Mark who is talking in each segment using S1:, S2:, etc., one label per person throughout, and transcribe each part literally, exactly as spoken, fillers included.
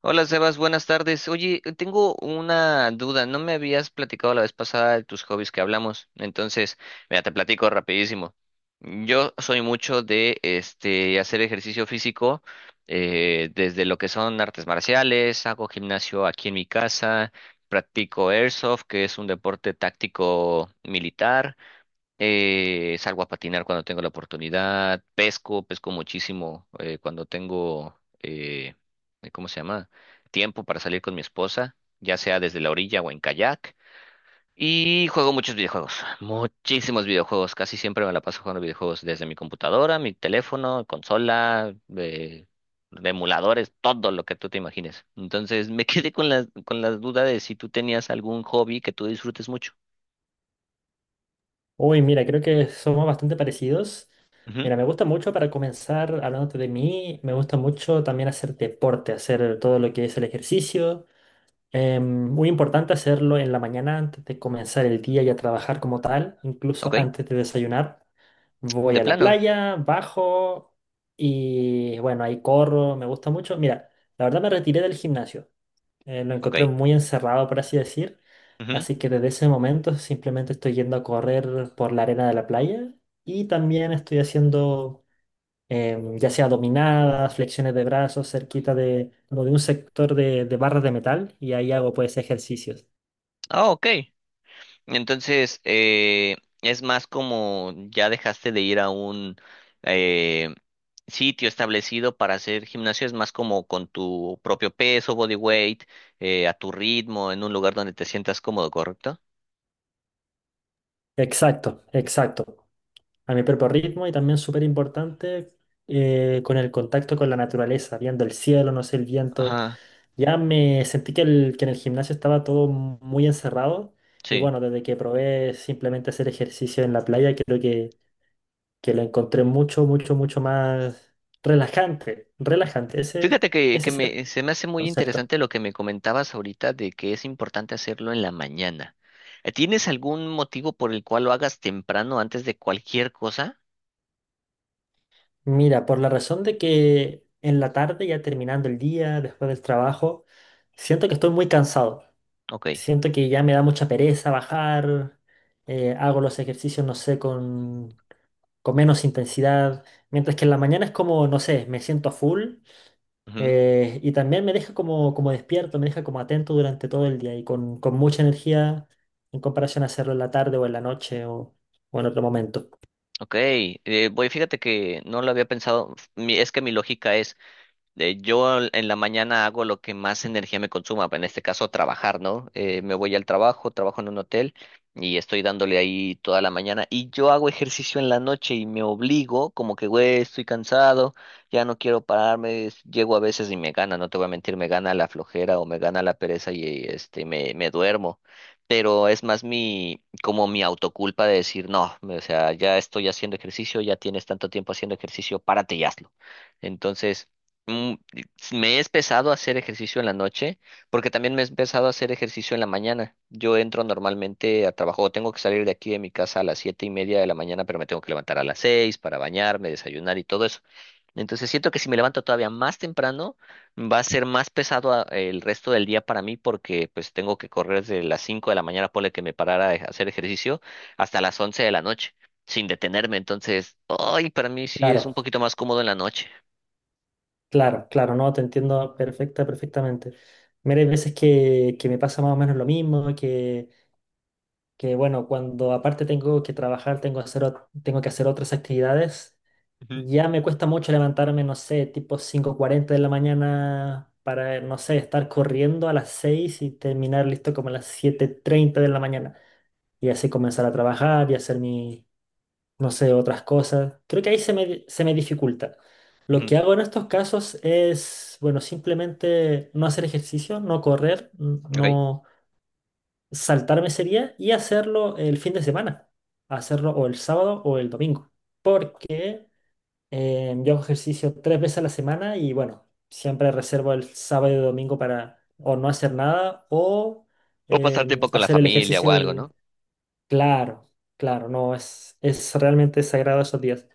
S1: Hola Sebas, buenas tardes. Oye, tengo una duda. No me habías platicado la vez pasada de tus hobbies que hablamos. Entonces, mira, te platico rapidísimo. Yo soy mucho de este hacer ejercicio físico, eh, desde lo que son artes marciales, hago gimnasio aquí en mi casa, practico airsoft, que es un deporte táctico militar. Eh, salgo a patinar cuando tengo la oportunidad, pesco, pesco muchísimo eh, cuando tengo, eh, eh, ¿cómo se llama? Tiempo para salir con mi esposa, ya sea desde la orilla o en kayak. Y juego muchos videojuegos, muchísimos videojuegos, casi siempre me la paso jugando videojuegos desde mi computadora, mi teléfono, consola, eh, emuladores, todo lo que tú te imagines. Entonces me quedé con la, con la duda de si tú tenías algún hobby que tú disfrutes mucho.
S2: Uy, mira, creo que somos bastante parecidos.
S1: Ujú.
S2: Mira, me gusta mucho para comenzar hablándote de mí, me gusta mucho también hacer deporte, hacer todo lo que es el ejercicio. Eh, muy importante hacerlo en la mañana antes de comenzar el día y a trabajar como tal, incluso
S1: Ok,
S2: antes de desayunar. Voy
S1: de
S2: a la
S1: plano,
S2: playa, bajo y bueno, ahí corro, me gusta mucho. Mira, la verdad me retiré del gimnasio eh, Lo
S1: ok.
S2: encontré muy encerrado, por así decir.
S1: Ujú.
S2: Así que desde ese momento simplemente estoy yendo a correr por la arena de la playa y también estoy haciendo em, ya sea dominadas, flexiones de brazos cerquita de, como de un sector de, de, barras de metal y ahí hago pues ejercicios.
S1: Ah, ok. Entonces, eh, es más como ya dejaste de ir a un eh, sitio establecido para hacer gimnasio, es más como con tu propio peso, body weight, eh, a tu ritmo, en un lugar donde te sientas cómodo, ¿correcto?
S2: Exacto, exacto. A mi propio ritmo y también súper importante, eh, con el contacto con la naturaleza, viendo el cielo, no sé, el viento.
S1: Ajá,
S2: Ya me sentí que, el- que en el gimnasio estaba todo muy encerrado y
S1: sí.
S2: bueno, desde que probé simplemente hacer ejercicio en la playa, creo que, que lo encontré mucho, mucho, mucho más relajante, relajante, ese,
S1: Fíjate que,
S2: ese
S1: que
S2: es el
S1: me, se me hace muy
S2: concepto.
S1: interesante lo que me comentabas ahorita de que es importante hacerlo en la mañana. Eh, ¿Tienes algún motivo por el cual lo hagas temprano antes de cualquier cosa?
S2: Mira, por la razón de que en la tarde, ya terminando el día, después del trabajo, siento que estoy muy cansado,
S1: Ok.
S2: siento que ya me da mucha pereza bajar, eh, hago los ejercicios, no sé, con con menos intensidad, mientras que en la mañana es como, no sé, me siento a full, eh, y también me deja como, como despierto, me deja como atento durante todo el día y con, con mucha energía en comparación a hacerlo en la tarde o en la noche o, o en otro momento.
S1: Ok, eh, voy, fíjate que no lo había pensado. Mi- es que mi lógica es, eh, yo al- en la mañana hago lo que más energía me consuma, en este caso trabajar, ¿no? Eh, me voy al trabajo, trabajo en un hotel y estoy dándole ahí toda la mañana, y yo hago ejercicio en la noche y me obligo, como que, güey, estoy cansado, ya no quiero pararme, es- llego a veces y me gana, no te voy a mentir, me gana la flojera o me gana la pereza y este, me, me duermo. Pero es más mi, como mi autoculpa de decir, no, me- o sea, ya estoy haciendo ejercicio, ya tienes tanto tiempo haciendo ejercicio, párate y hazlo. Entonces mm, me he empezado a hacer ejercicio en la noche, porque también me he empezado a hacer ejercicio en la mañana. Yo entro normalmente a trabajo, tengo que salir de aquí de mi casa a las siete y media de la mañana, pero me tengo que levantar a las seis para bañarme, desayunar y todo eso. Entonces siento que si me levanto todavía más temprano, va a ser más pesado a- el resto del día para mí, porque pues tengo que correr desde las cinco de la mañana, ponle que me parara a hacer ejercicio, hasta las once de la noche, sin detenerme. Entonces, ay, para mí sí es
S2: Claro,
S1: un poquito más cómodo en la noche.
S2: claro, claro, no, te entiendo perfecta, perfectamente. Mira, hay veces que, que me pasa más o menos lo mismo, que, que bueno, cuando aparte tengo que trabajar, tengo, que hacer, ot- tengo que hacer otras actividades.
S1: Ujú,
S2: Ya me cuesta mucho levantarme, no sé, tipo cinco cuarenta de la mañana para, no sé, estar corriendo a las seis y terminar listo como a las siete treinta de la mañana. Y así comenzar a trabajar y hacer mi, no sé, otras cosas. Creo que ahí se me, se me dificulta. Lo
S1: ujú,
S2: que hago en estos casos es, bueno, simplemente no hacer ejercicio, no correr, n-
S1: ok.
S2: no saltarme sería y hacerlo el fin de semana. Hacerlo o el sábado o el domingo. Porque eh, yo hago ejercicio tres veces a la semana y bueno, siempre reservo el sábado y domingo para o no hacer nada o
S1: O pasar
S2: em,
S1: tiempo con la
S2: hacer el
S1: familia o
S2: ejercicio
S1: algo, ¿no?
S2: del... Claro, claro, no, es, es realmente sagrado esos días.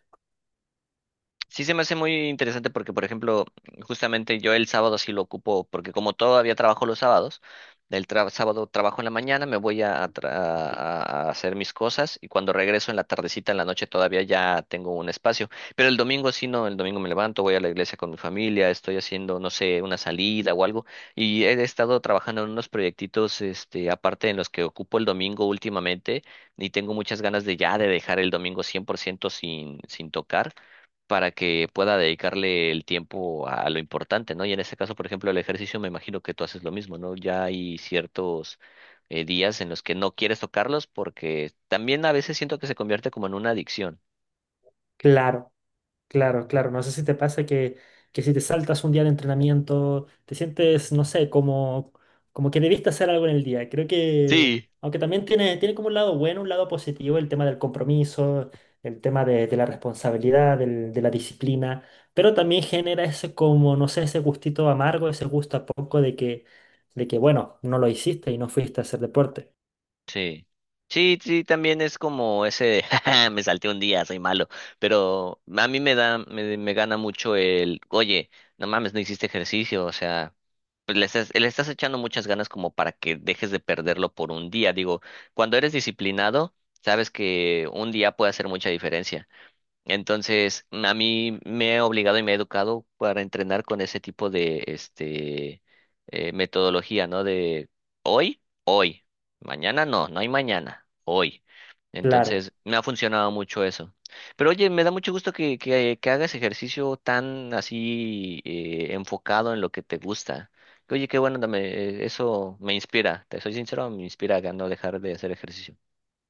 S1: Sí, se me hace muy interesante porque, por ejemplo, justamente yo el sábado sí lo ocupo, porque como todavía trabajo los sábados, del tra- sábado trabajo en la mañana, me voy a, tra- a- a hacer mis cosas, y cuando regreso en la tardecita, en la noche todavía ya tengo un espacio. Pero el domingo sí no, el domingo me levanto, voy a la iglesia con mi familia, estoy haciendo, no sé, una salida o algo. Y he estado trabajando en unos proyectitos, este, aparte, en los que ocupo el domingo últimamente, y tengo muchas ganas de ya de dejar el domingo cien por ciento sin, sin tocar, para que pueda dedicarle el tiempo a, a lo importante, ¿no? Y en este caso, por ejemplo, el ejercicio, me imagino que tú haces lo mismo, ¿no? Ya hay ciertos eh, días en los que no quieres tocarlos porque también a veces siento que se convierte como en una adicción.
S2: Claro. Claro, claro. No sé si te pasa que, que si te saltas un día de entrenamiento, te sientes, no sé, como, como que debiste hacer algo en el día. Creo que,
S1: Sí.
S2: aunque también tiene, tiene como un lado bueno, un lado positivo, el tema del compromiso, el tema de, de la responsabilidad, del- de la disciplina, pero también genera ese como, no sé, ese gustito amargo, ese gusto a poco de que, de que, bueno, no lo hiciste y no fuiste a hacer deporte.
S1: Sí. Sí, sí, también es como ese de, "Jaja, me salté un día, soy malo". Pero a mí me da, me, me gana mucho el, oye, no mames, no hiciste ejercicio, o sea, pues le estás, le estás echando muchas ganas como para que dejes de perderlo por un día. Digo, cuando eres disciplinado, sabes que un día puede hacer mucha diferencia. Entonces, a mí me he obligado y me he educado para entrenar con ese tipo de este eh, metodología, ¿no? De hoy, hoy, mañana no, no hay mañana, hoy.
S2: Claro.
S1: Entonces, me ha funcionado mucho eso. Pero oye, me da mucho gusto que, que, que hagas ejercicio tan así eh, enfocado en lo que te gusta. Que, oye, qué bueno, dame, eso me inspira, te soy sincero, me inspira a no dejar de hacer ejercicio.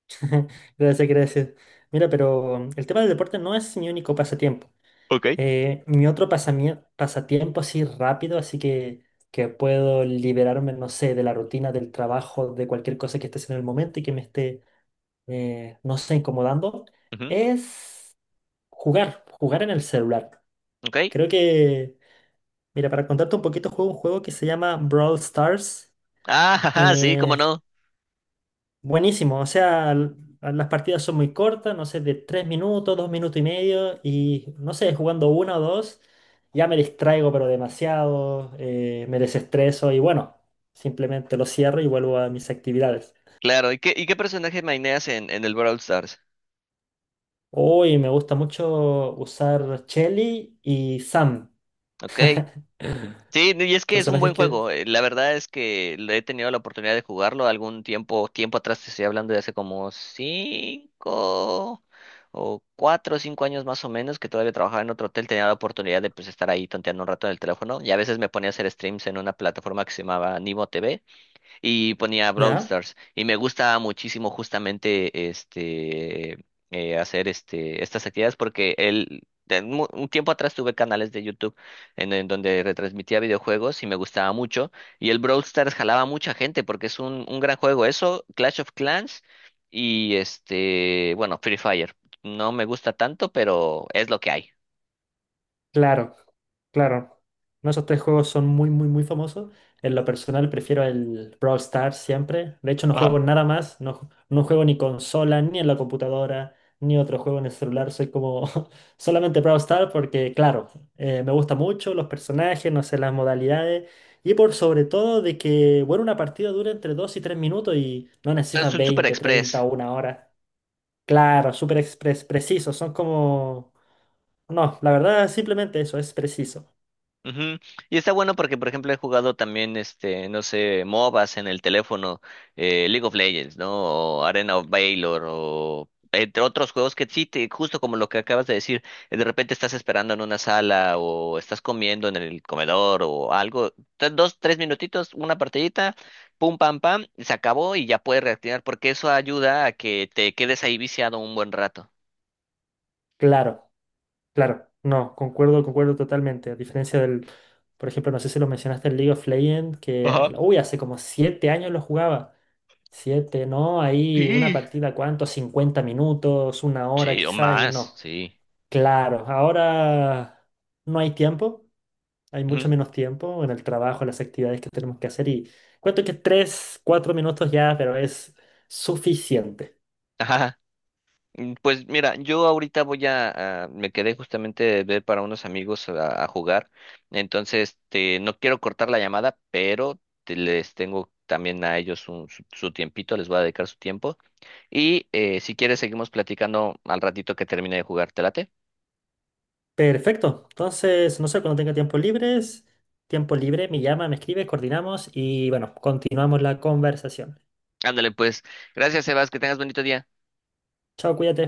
S2: Gracias, gracias. Mira, pero el tema del deporte no es mi único pasatiempo.
S1: Ok.
S2: Eh, mi otro pasamie- pasatiempo así rápido, así que, que puedo liberarme, no sé, de la rutina del trabajo, de cualquier cosa que esté haciendo en el momento y que me esté, eh, no sé, incomodando,
S1: Ujú.
S2: es jugar, jugar en el celular.
S1: ¿Ok?
S2: Creo que, mira, para contarte un poquito, juego un juego que se llama Brawl Stars.
S1: Ah, ajá, sí, cómo
S2: eh,
S1: no.
S2: Buenísimo, o sea, l- las partidas son muy cortas, no sé, de tres minutos, dos minutos y medio, y no sé, jugando una o dos, ya me distraigo, pero demasiado, eh, me desestreso y bueno, simplemente lo cierro y vuelvo a mis actividades.
S1: Claro, ¿y qué, ¿y qué personaje maineas en, en el Brawl Stars?
S2: Hoy me gusta mucho usar Shelly y Sam,
S1: Ok. Sí, y es que es un
S2: personajes
S1: buen
S2: que...
S1: juego. Eh, La verdad es que le he tenido la oportunidad de jugarlo algún tiempo, tiempo atrás, te estoy hablando de hace como cinco o cuatro o cinco años más o menos, que todavía trabajaba en otro hotel, tenía la oportunidad de pues estar ahí tonteando un rato en el teléfono y a veces me ponía a hacer streams en una plataforma que se llamaba Nimo T V y ponía Brawl
S2: ¿Ya?
S1: Stars. Y me gusta muchísimo justamente este eh, hacer este estas actividades porque el de mu- un tiempo atrás tuve canales de YouTube en, en donde retransmitía videojuegos y me gustaba mucho. Y el Brawl Stars jalaba a mucha gente porque es un, un gran juego. Eso, Clash of Clans y este, bueno, Free Fire. No me gusta tanto, pero es lo que hay.
S2: Claro, claro. No, esos tres juegos son muy, muy, muy famosos. En lo personal prefiero el Brawl Stars siempre. De hecho, no
S1: Ajá.
S2: juego nada más. No, ju- no juego ni consola, ni en la computadora, ni otro juego en el celular. Soy como solamente Brawl Stars porque, claro, eh, me gusta mucho los personajes, no sé, las modalidades. Y por sobre todo de que, bueno, una partida dura entre dos y tres minutos y no
S1: O sea, es
S2: necesitas
S1: un Super
S2: veinte, treinta
S1: Express.
S2: o una hora. Claro, súper expres- preciso, son como... No, la verdad simplemente eso, es preciso.
S1: Ujú. Y está bueno porque, por ejemplo, he jugado también, este, no sé, MOBAs en el teléfono, eh, League of Legends, ¿no? O Arena of Valor, o entre otros juegos que sí, te, justo como lo que acabas de decir, eh, de repente estás esperando en una sala o estás comiendo en el comedor o algo, te- dos, tres minutitos, una partidita, pum, pam, pam, y se acabó y ya puedes reactivar porque eso ayuda a que te quedes ahí viciado un buen rato.
S2: Claro, claro, no, concuerdo, concuerdo totalmente. A diferencia del, por ejemplo, no sé si lo mencionaste el League of Legends, que,
S1: Ajá.
S2: uy, hace como siete años lo jugaba. Siete, ¿no? Ahí una
S1: Sí.
S2: partida, ¿cuánto? Cincuenta minutos, una hora
S1: Sí, o
S2: quizás, y
S1: más,
S2: no.
S1: sí.
S2: Claro, ahora no hay tiempo. Hay mucho
S1: Ujú.
S2: menos tiempo en el trabajo, en las actividades que tenemos que hacer y cuento que tres, cuatro minutos ya, pero es suficiente.
S1: Ajá. Mm, pues mira, yo ahorita voy a, a- me quedé justamente de ver para unos amigos a, a jugar, entonces este, no quiero cortar la llamada, pero te- les tengo también a ellos un- su, su tiempito, les voy a dedicar su tiempo y eh, si quieres seguimos platicando al ratito que termine de jugar, ¿te late?
S2: Perfecto. Entonces, no sé, cuando tenga tiempo libres, tiempo libre, me llama, me escribe, coordinamos y bueno, continuamos la conversación.
S1: Ándale pues, gracias Sebas, que tengas bonito día.
S2: Chao, cuídate.